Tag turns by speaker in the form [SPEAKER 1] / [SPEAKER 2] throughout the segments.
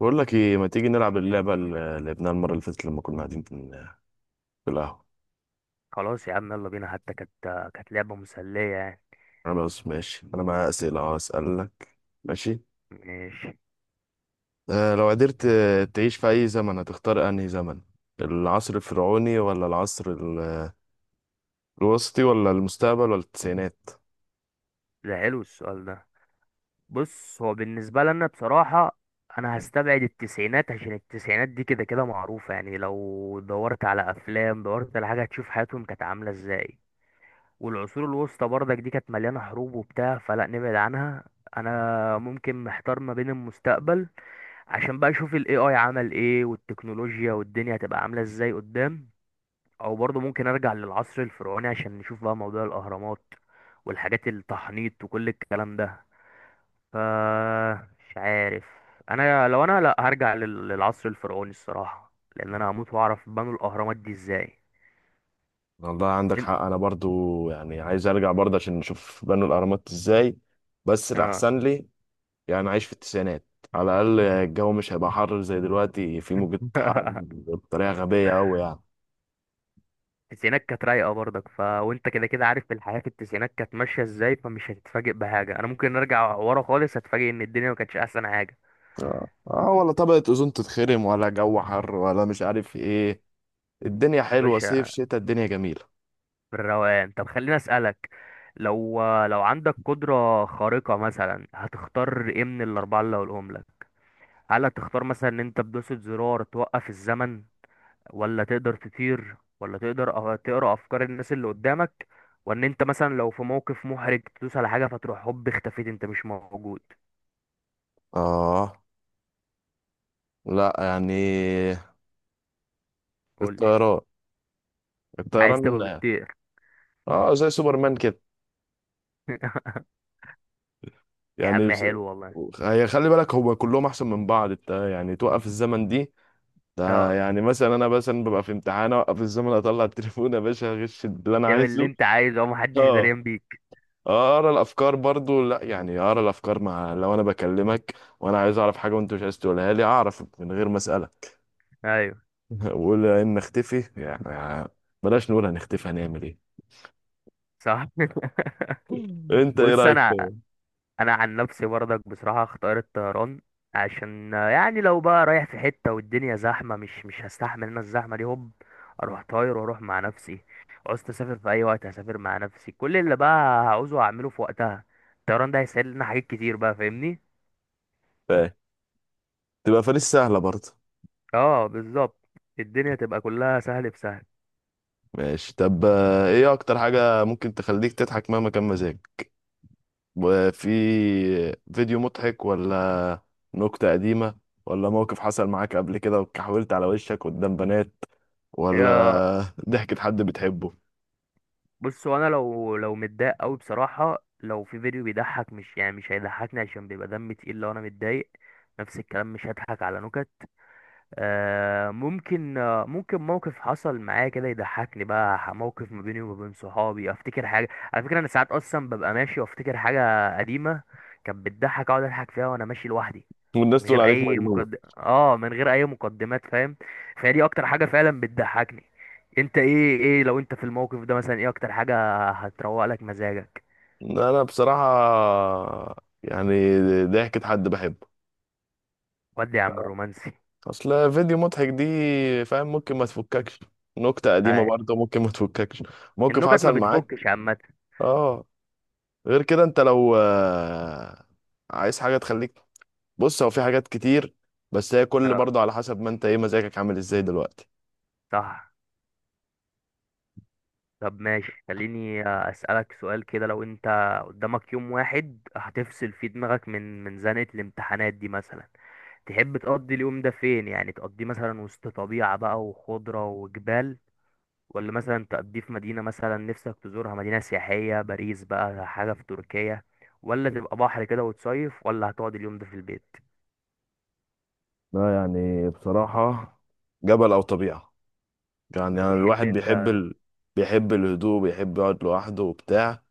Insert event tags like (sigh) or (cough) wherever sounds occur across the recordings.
[SPEAKER 1] بقول لك ايه، ما تيجي نلعب اللعبه اللي لعبناها المره اللي فاتت لما كنا قاعدين في القهوه.
[SPEAKER 2] خلاص يا عم، يلا بينا. حتى كانت لعبة مسلية يعني.
[SPEAKER 1] انا بس ماشي، انا معايا اسئله اسالك. ماشي.
[SPEAKER 2] ماشي.
[SPEAKER 1] لو قدرت، تعيش في اي زمن، هتختار انهي زمن؟ العصر الفرعوني ولا الوسطي ولا المستقبل ولا التسعينات؟
[SPEAKER 2] ده حلو السؤال ده. بص، هو بالنسبة لنا بصراحة، أنا هستبعد التسعينات، عشان التسعينات دي كده كده معروفة، يعني لو دورت على أفلام، دورت على حاجة، هتشوف حياتهم كانت عاملة ازاي. والعصور الوسطى برضك دي كانت مليانة حروب وبتاع، فلا نبعد عنها. أنا ممكن محتار ما بين المستقبل، عشان بقى أشوف ال AI عمل ايه، والتكنولوجيا والدنيا هتبقى عاملة ازاي قدام، او برضه ممكن ارجع للعصر الفرعوني عشان نشوف بقى موضوع الاهرامات والحاجات، التحنيط وكل الكلام ده. ف مش عارف. انا لا، هرجع للعصر الفرعوني الصراحه، لان انا هموت واعرف بنوا الاهرامات دي ازاي.
[SPEAKER 1] والله عندك
[SPEAKER 2] انت.
[SPEAKER 1] حق، انا برضو يعني عايز ارجع برضه عشان نشوف بنوا الاهرامات ازاي. بس
[SPEAKER 2] اه.
[SPEAKER 1] الاحسن لي يعني عايش في التسعينات. على الاقل الجو مش هيبقى حر زي دلوقتي، في موجة حر
[SPEAKER 2] (laughs)
[SPEAKER 1] بطريقه غبيه قوي يعني.
[SPEAKER 2] التسعينات كانت رايقه برضك، وانت كده كده عارف الحياه في التسعينات كانت ماشيه ازاي، فمش هتتفاجئ بحاجه. انا ممكن ارجع ورا خالص، هتفاجئ ان الدنيا ما كانتش احسن حاجه.
[SPEAKER 1] ولا طبقة أوزون تتخرم ولا جو حر ولا مش عارف ايه. الدنيا
[SPEAKER 2] مش
[SPEAKER 1] حلوة، صيف شتاء الدنيا جميلة.
[SPEAKER 2] بالروقان. طب خليني اسالك، لو عندك قدره خارقه مثلا، هتختار ايه من الاربعه اللي هقولهم لك؟ هل هتختار مثلا ان انت بدوسة زرار توقف الزمن، ولا تقدر تطير، ولا تقدر تقرا افكار الناس اللي قدامك، وان انت مثلا لو في موقف محرج تدوس على حاجه فتروح هوب اختفيت، انت مش موجود؟
[SPEAKER 1] اه، لا يعني
[SPEAKER 2] قول.
[SPEAKER 1] الطيران
[SPEAKER 2] عايز
[SPEAKER 1] الطيران.
[SPEAKER 2] تبقى بتطير؟
[SPEAKER 1] اه، زي سوبرمان كده.
[SPEAKER 2] (laughs) يا
[SPEAKER 1] يعني
[SPEAKER 2] عم
[SPEAKER 1] بس-
[SPEAKER 2] حلو والله.
[SPEAKER 1] هي خلي بالك، هو كلهم احسن من بعض. انت يعني توقف الزمن دي، ده
[SPEAKER 2] اه،
[SPEAKER 1] يعني مثلا انا مثلا ببقى في امتحان، اوقف الزمن اطلع التليفون يا باشا، اغش اللي انا
[SPEAKER 2] اعمل اللي
[SPEAKER 1] عايزه.
[SPEAKER 2] انت عايزه ومحدش
[SPEAKER 1] اه.
[SPEAKER 2] دريان بيك.
[SPEAKER 1] اقرا الافكار برضو، لا يعني اقرا الافكار مع لو انا بكلمك وانا عايز اعرف حاجه وانت مش عايز تقولها لي، اعرف من غير ما اسالك.
[SPEAKER 2] ايوه
[SPEAKER 1] (laughs) وقول ان نختفي يعني، بلاش، نقول هنختفي هنعمل ايه.
[SPEAKER 2] صح. (laughs)
[SPEAKER 1] انت ايه
[SPEAKER 2] بص،
[SPEAKER 1] رايك
[SPEAKER 2] انا
[SPEAKER 1] في
[SPEAKER 2] انا عن نفسي برضك بصراحه اختار الطيران، عشان يعني لو بقى رايح في حته والدنيا زحمه، مش هستحمل انا الزحمه دي، هوب اروح طاير واروح مع نفسي. عوزت اسافر في اي وقت هسافر مع نفسي، كل اللي بقى هعوزه هعمله في وقتها. الطيران ده هيسهل لنا حاجات كتير بقى، فاهمني؟
[SPEAKER 1] في- تبقى فانيس سهله برضو.
[SPEAKER 2] اه بالظبط. الدنيا تبقى كلها سهل في سهل.
[SPEAKER 1] ماشي. طب، ايه اكتر حاجه ممكن تخليك تضحك مهما كان مزاجك؟ وفي فيديو مضحك، ولا نكته قديمه، ولا موقف حصل معاك قبل كده وكحولت على وشك قدام بنات، ولا
[SPEAKER 2] آه،
[SPEAKER 1] ضحكة حد بتحبه؟
[SPEAKER 2] بص، وانا لو متضايق قوي بصراحه، لو في فيديو بيضحك، مش يعني مش هيضحكني، عشان بيبقى دمي تقيل لو انا متضايق. نفس الكلام، مش هضحك على نكت. ممكن موقف حصل معايا كده يضحكني بقى، موقف ما بيني وما بين صحابي، افتكر حاجه. على فكره انا ساعات اصلا ببقى ماشي وافتكر حاجه قديمه كانت بتضحك، اقعد اضحك فيها وانا ماشي لوحدي،
[SPEAKER 1] والناس تقول عليك مجنونة.
[SPEAKER 2] من غير اي مقدمات فاهم. فهي دي اكتر حاجه فعلا بتضحكني. انت ايه، لو انت في الموقف ده مثلا، ايه اكتر حاجه هتروق لك مزاجك؟
[SPEAKER 1] انا بصراحة، يعني ضحكة حد بحبه.
[SPEAKER 2] ودي يا عم الرومانسي.
[SPEAKER 1] اصل فيديو مضحك دي فاهم ممكن ما تفككش، نكتة قديمة
[SPEAKER 2] آه.
[SPEAKER 1] برضه ممكن ما تفككش، موقف
[SPEAKER 2] النكت ما
[SPEAKER 1] حصل معاك.
[SPEAKER 2] بتفكش عامه.
[SPEAKER 1] اه. غير كده انت لو عايز حاجة تخليك، بص هو في حاجات كتير، بس هي كل
[SPEAKER 2] اه
[SPEAKER 1] برضه على حسب ما انت ايه مزاجك عامل ازاي دلوقتي.
[SPEAKER 2] صح. طب ماشي، خليني أسألك سؤال كده، لو أنت قدامك يوم واحد هتفصل فيه دماغك من زنقة الامتحانات دي مثلا، تحب تقضي اليوم ده فين؟ يعني تقضيه مثلا وسط طبيعة بقى، وخضرة وجبال، ولا مثلا تقضيه في مدينة مثلا نفسك تزورها، مدينة سياحية، باريس بقى، حاجة في تركيا، ولا تبقى بحر كده وتصيف، ولا هتقعد اليوم ده في البيت؟
[SPEAKER 1] لا يعني بصراحة، جبل او طبيعة. يعني
[SPEAKER 2] أنت
[SPEAKER 1] أنا
[SPEAKER 2] بتحب
[SPEAKER 1] الواحد بيحب
[SPEAKER 2] أنت.
[SPEAKER 1] ال... بيحب الهدوء، بيحب يقعد لوحده وبتاع.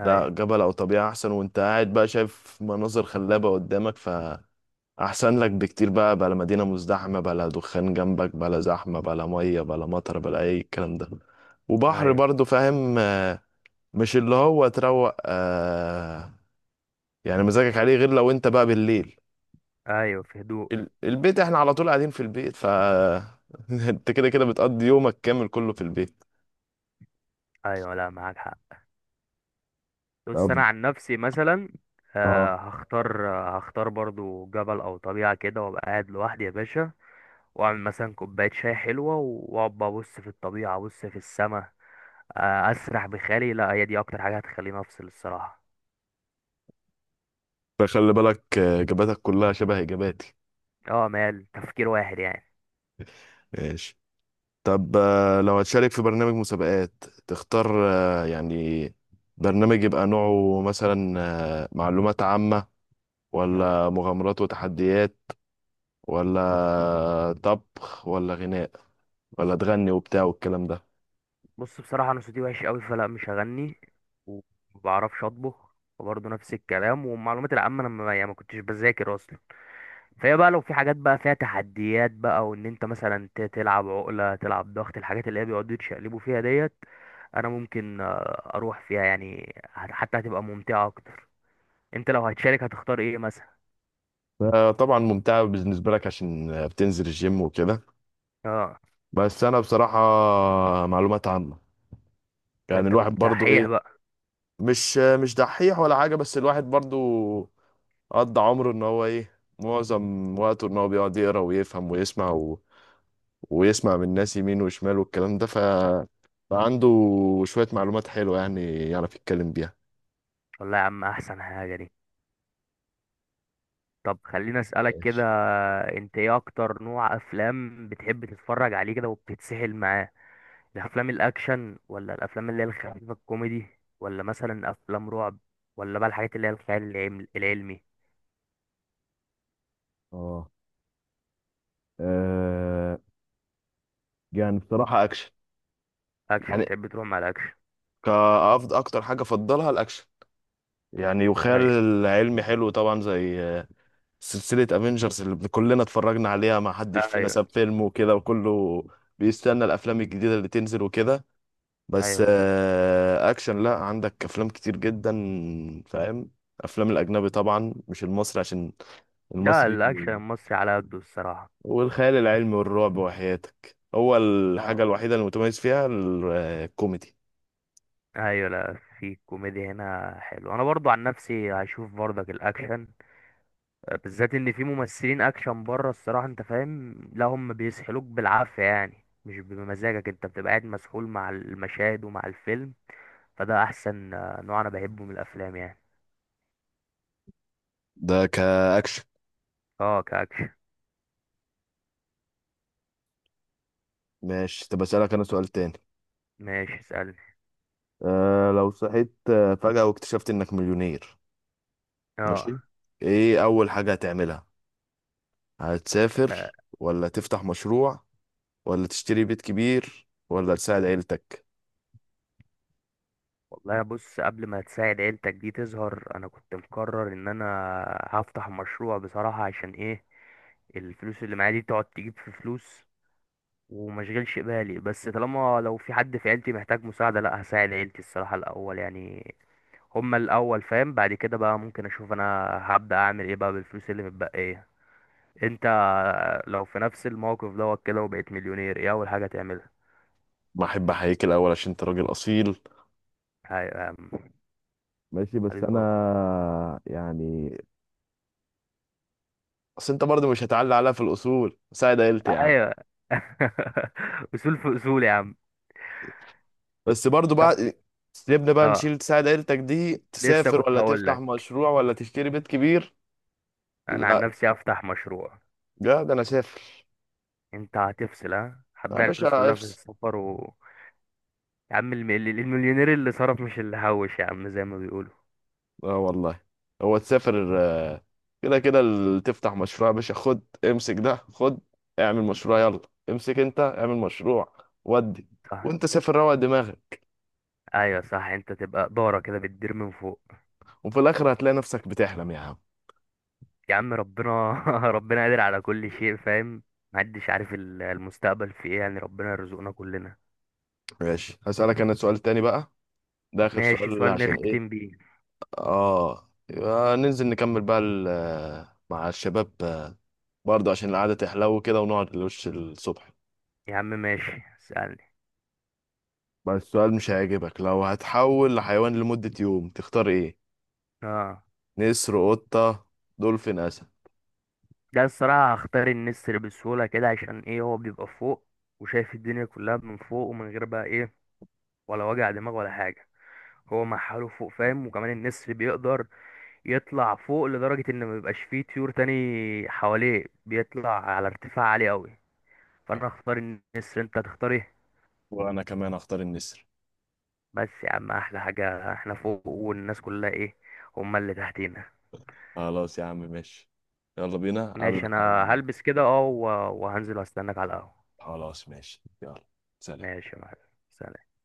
[SPEAKER 2] أيوه.
[SPEAKER 1] لا، جبل او طبيعه احسن، وانت قاعد بقى شايف مناظر خلابه قدامك، فاحسن لك بكتير. بقى بلا مدينه مزدحمه، بلا دخان جنبك، بلا زحمه، بلا ميه، بلا مطر، بلا اي الكلام ده. وبحر
[SPEAKER 2] أيوه.
[SPEAKER 1] برضو فاهم، مش اللي هو تروق آه، يعني مزاجك عليه. غير لو انت بقى بالليل،
[SPEAKER 2] أيوه في هدوء.
[SPEAKER 1] البيت، احنا على طول قاعدين في البيت ف (laughs) انت كده بتقضي يومك كامل كله في البيت.
[SPEAKER 2] أيوه، لا معاك حق. بص انا
[SPEAKER 1] طب.
[SPEAKER 2] عن نفسي مثلا،
[SPEAKER 1] اه.
[SPEAKER 2] هختار برضو جبل او طبيعه كده، وابقى قاعد لوحدي يا باشا، واعمل مثلا كوبايه شاي حلوه، واقعد بقى ابص في الطبيعه، ابص في السماء، اسرح بخيالي. لا، هي دي اكتر حاجه هتخليني افصل الصراحه.
[SPEAKER 1] فخلي بالك اجاباتك كلها شبه اجاباتي.
[SPEAKER 2] اه، مال تفكير واحد يعني.
[SPEAKER 1] ماشي. طب، لو هتشارك في برنامج مسابقات تختار، يعني برنامج يبقى نوعه مثلا، معلومات عامة،
[SPEAKER 2] آه.
[SPEAKER 1] ولا مغامرات وتحديات، ولا طبخ ولا غناء، ولا تغني وبتاع والكلام ده؟
[SPEAKER 2] بص، بصراحه انا صوتي وحش قوي، فلا مش هغني. ومبعرفش اطبخ. وبرضه نفس الكلام، والمعلومات العامه انا ما يعني ما كنتش بذاكر اصلا. فهي بقى لو في حاجات بقى فيها تحديات بقى، وان انت مثلا تلعب عقلة، تلعب ضغط، الحاجات اللي هي بيقعدوا يتشقلبوا فيها ديت، انا ممكن اروح فيها يعني، حتى هتبقى ممتعة اكتر. انت لو هتشارك هتختار ايه مثلا؟
[SPEAKER 1] طبعا ممتعة بالنسبة لك عشان بتنزل الجيم وكده.
[SPEAKER 2] اه.
[SPEAKER 1] بس أنا بصراحة معلومات عامة.
[SPEAKER 2] ده
[SPEAKER 1] يعني
[SPEAKER 2] انت كنت
[SPEAKER 1] الواحد برضو
[SPEAKER 2] دحيح بقى.
[SPEAKER 1] مش دحيح ولا حاجة، بس الواحد برضو قضى عمره ان هو ايه، معظم وقته ان هو بيقعد يقرا ويفهم ويسمع و... ويسمع من الناس يمين وشمال والكلام ده ف... فعنده شوية معلومات حلوة يعني، يعرف يتكلم بيها.
[SPEAKER 2] والله يا عم احسن حاجة دي. طب خليني اسألك كده،
[SPEAKER 1] ماشي.
[SPEAKER 2] انت ايه اكتر نوع افلام بتحب تتفرج عليه كده وبتتسحل معاه؟ الافلام الاكشن، ولا الافلام اللي هي الخفيفة الكوميدي، ولا مثلا افلام رعب، ولا بقى الحاجات اللي هي الخيال العلمي؟
[SPEAKER 1] اه. آه، يعني بصراحة أكشن.
[SPEAKER 2] اكشن
[SPEAKER 1] يعني
[SPEAKER 2] بتحب تروح مع الاكشن.
[SPEAKER 1] كأفضل أكتر حاجة أفضلها الأكشن. يعني وخيال
[SPEAKER 2] ايوه.
[SPEAKER 1] العلمي حلو طبعا، زي سلسلة افنجرز اللي كلنا اتفرجنا عليها، ما حدش فينا
[SPEAKER 2] ايوه.
[SPEAKER 1] ساب فيلم وكده، وكله بيستنى الافلام الجديدة اللي تنزل وكده. بس
[SPEAKER 2] ايوه بالظبط.
[SPEAKER 1] اكشن، لا عندك افلام كتير جدا فاهم. افلام الاجنبي طبعا مش المصري، عشان
[SPEAKER 2] لا،
[SPEAKER 1] المصري
[SPEAKER 2] الاكشن المصري على قده الصراحه.
[SPEAKER 1] والخيال العلمي والرعب وحياتك هو
[SPEAKER 2] لا.
[SPEAKER 1] الحاجة الوحيدة اللي متميز فيها الكوميدي.
[SPEAKER 2] ايوه. لا، في كوميديا هنا حلو. انا برضو عن نفسي هشوف برضك الاكشن، بالذات ان في ممثلين اكشن بره الصراحه، انت فاهم، لا هم بيسحلوك بالعافيه يعني، مش بمزاجك انت، بتبقى قاعد مسحول مع المشاهد ومع الفيلم. فده احسن نوع انا بحبه من الافلام يعني.
[SPEAKER 1] ده كأكشن.
[SPEAKER 2] اه كاكشن.
[SPEAKER 1] ماشي. طب أسألك أنا سؤال تاني.
[SPEAKER 2] ماشي اسالني.
[SPEAKER 1] أه لو صحيت فجأة واكتشفت إنك مليونير.
[SPEAKER 2] اه.
[SPEAKER 1] ماشي. ايه اول حاجة هتعملها؟
[SPEAKER 2] آه.
[SPEAKER 1] هتسافر، ولا تفتح مشروع، ولا تشتري بيت كبير، ولا تساعد عيلتك؟
[SPEAKER 2] والله بص، قبل ما تساعد عيلتك دي تظهر، انا كنت مقرر ان انا هفتح مشروع بصراحة. عشان ايه؟ الفلوس اللي معايا دي تقعد تجيب في فلوس، ومشغلش بالي، بس طالما لو في حد في عيلتي محتاج مساعدة، لا هساعد عيلتي الصراحة الاول يعني. هما الاول فاهم، بعد كده بقى ممكن اشوف انا هبدأ اعمل ايه بقى بالفلوس اللي متبقية. انت لو في نفس الموقف دوت كده وبقيت مليونير، ايه اول حاجة تعملها؟
[SPEAKER 1] ما احب احييك الاول عشان انت راجل اصيل.
[SPEAKER 2] ايوه يا عم.
[SPEAKER 1] ماشي بس
[SPEAKER 2] حبيبي والله.
[SPEAKER 1] انا يعني، اصل انت برضه مش هتعلي عليها في الاصول، ساعد عيلتي يا عم.
[SPEAKER 2] ايوه. (laughs) اصول في اصول يا عم.
[SPEAKER 1] بس برضه
[SPEAKER 2] كم.
[SPEAKER 1] بعد، سيبنا بقى
[SPEAKER 2] اه
[SPEAKER 1] نشيل تساعد عيلتك دي،
[SPEAKER 2] لسه
[SPEAKER 1] تسافر
[SPEAKER 2] كنت
[SPEAKER 1] ولا
[SPEAKER 2] هقول
[SPEAKER 1] تفتح
[SPEAKER 2] لك،
[SPEAKER 1] مشروع ولا تشتري بيت كبير؟
[SPEAKER 2] انا عن
[SPEAKER 1] لا
[SPEAKER 2] نفسي افتح مشروع.
[SPEAKER 1] لا، ده انا سافر
[SPEAKER 2] انت هتفصل، ها
[SPEAKER 1] يا
[SPEAKER 2] هتضيع الفلوس
[SPEAKER 1] باشا،
[SPEAKER 2] كلها في
[SPEAKER 1] افصل.
[SPEAKER 2] السفر يا عم، المليونير اللي صرف مش اللي هوش يا عم، زي ما بيقولوا.
[SPEAKER 1] اه والله. هو تسافر كده كده تفتح مشروع، يا باشا خد امسك ده، خد اعمل مشروع يلا، امسك انت اعمل مشروع ودي،
[SPEAKER 2] صح.
[SPEAKER 1] وانت سافر روق دماغك.
[SPEAKER 2] ايوه صح، انت تبقى دارة كده بتدير من فوق.
[SPEAKER 1] وفي الاخر هتلاقي نفسك بتحلم يا عم.
[SPEAKER 2] يا عم ربنا. (laughs) ربنا قادر على كل شيء فاهم. محدش عارف المستقبل في ايه يعني، ربنا يرزقنا كلنا.
[SPEAKER 1] ماشي. هسألك انا سؤال تاني بقى، ده اخر
[SPEAKER 2] ماشي،
[SPEAKER 1] سؤال
[SPEAKER 2] سؤال
[SPEAKER 1] عشان ايه،
[SPEAKER 2] نختم بيه.
[SPEAKER 1] اه يبقى ننزل نكمل بقى مع الشباب، برضه عشان القعدة تحلو كده ونقعد لوش الصبح.
[SPEAKER 2] يا عم ماشي. اسألني.
[SPEAKER 1] بس السؤال مش هيعجبك. لو هتحول لحيوان لمدة يوم، تختار ايه؟
[SPEAKER 2] اه.
[SPEAKER 1] نسر، قطة، دولفين، أسد؟
[SPEAKER 2] ده الصراحة هختار النسر بسهولة كده، عشان ايه؟ هو بيبقى فوق وشايف الدنيا كلها من فوق، ومن غير بقى ايه، ولا وجع دماغ ولا حاجة، هو مع حاله فوق فاهم. وكمان النسر بيقدر يطلع فوق لدرجة ان ما بيبقاش فيه طيور تاني حواليه، بيطلع على ارتفاع عالي قوي. فانا هختار النسر، انت هتختار ايه؟
[SPEAKER 1] وانا كمان اختار النسر.
[SPEAKER 2] بس يا عم احلى حاجة احنا فوق والناس كلها ايه، هما اللي تحتينا.
[SPEAKER 1] خلاص يا عم ماشي، يلا بينا قبل.
[SPEAKER 2] ماشي انا هلبس كده اه وهنزل واستناك على القهوة.
[SPEAKER 1] خلاص ماشي، يلا. سلام.
[SPEAKER 2] ماشي يا معلم. سلام.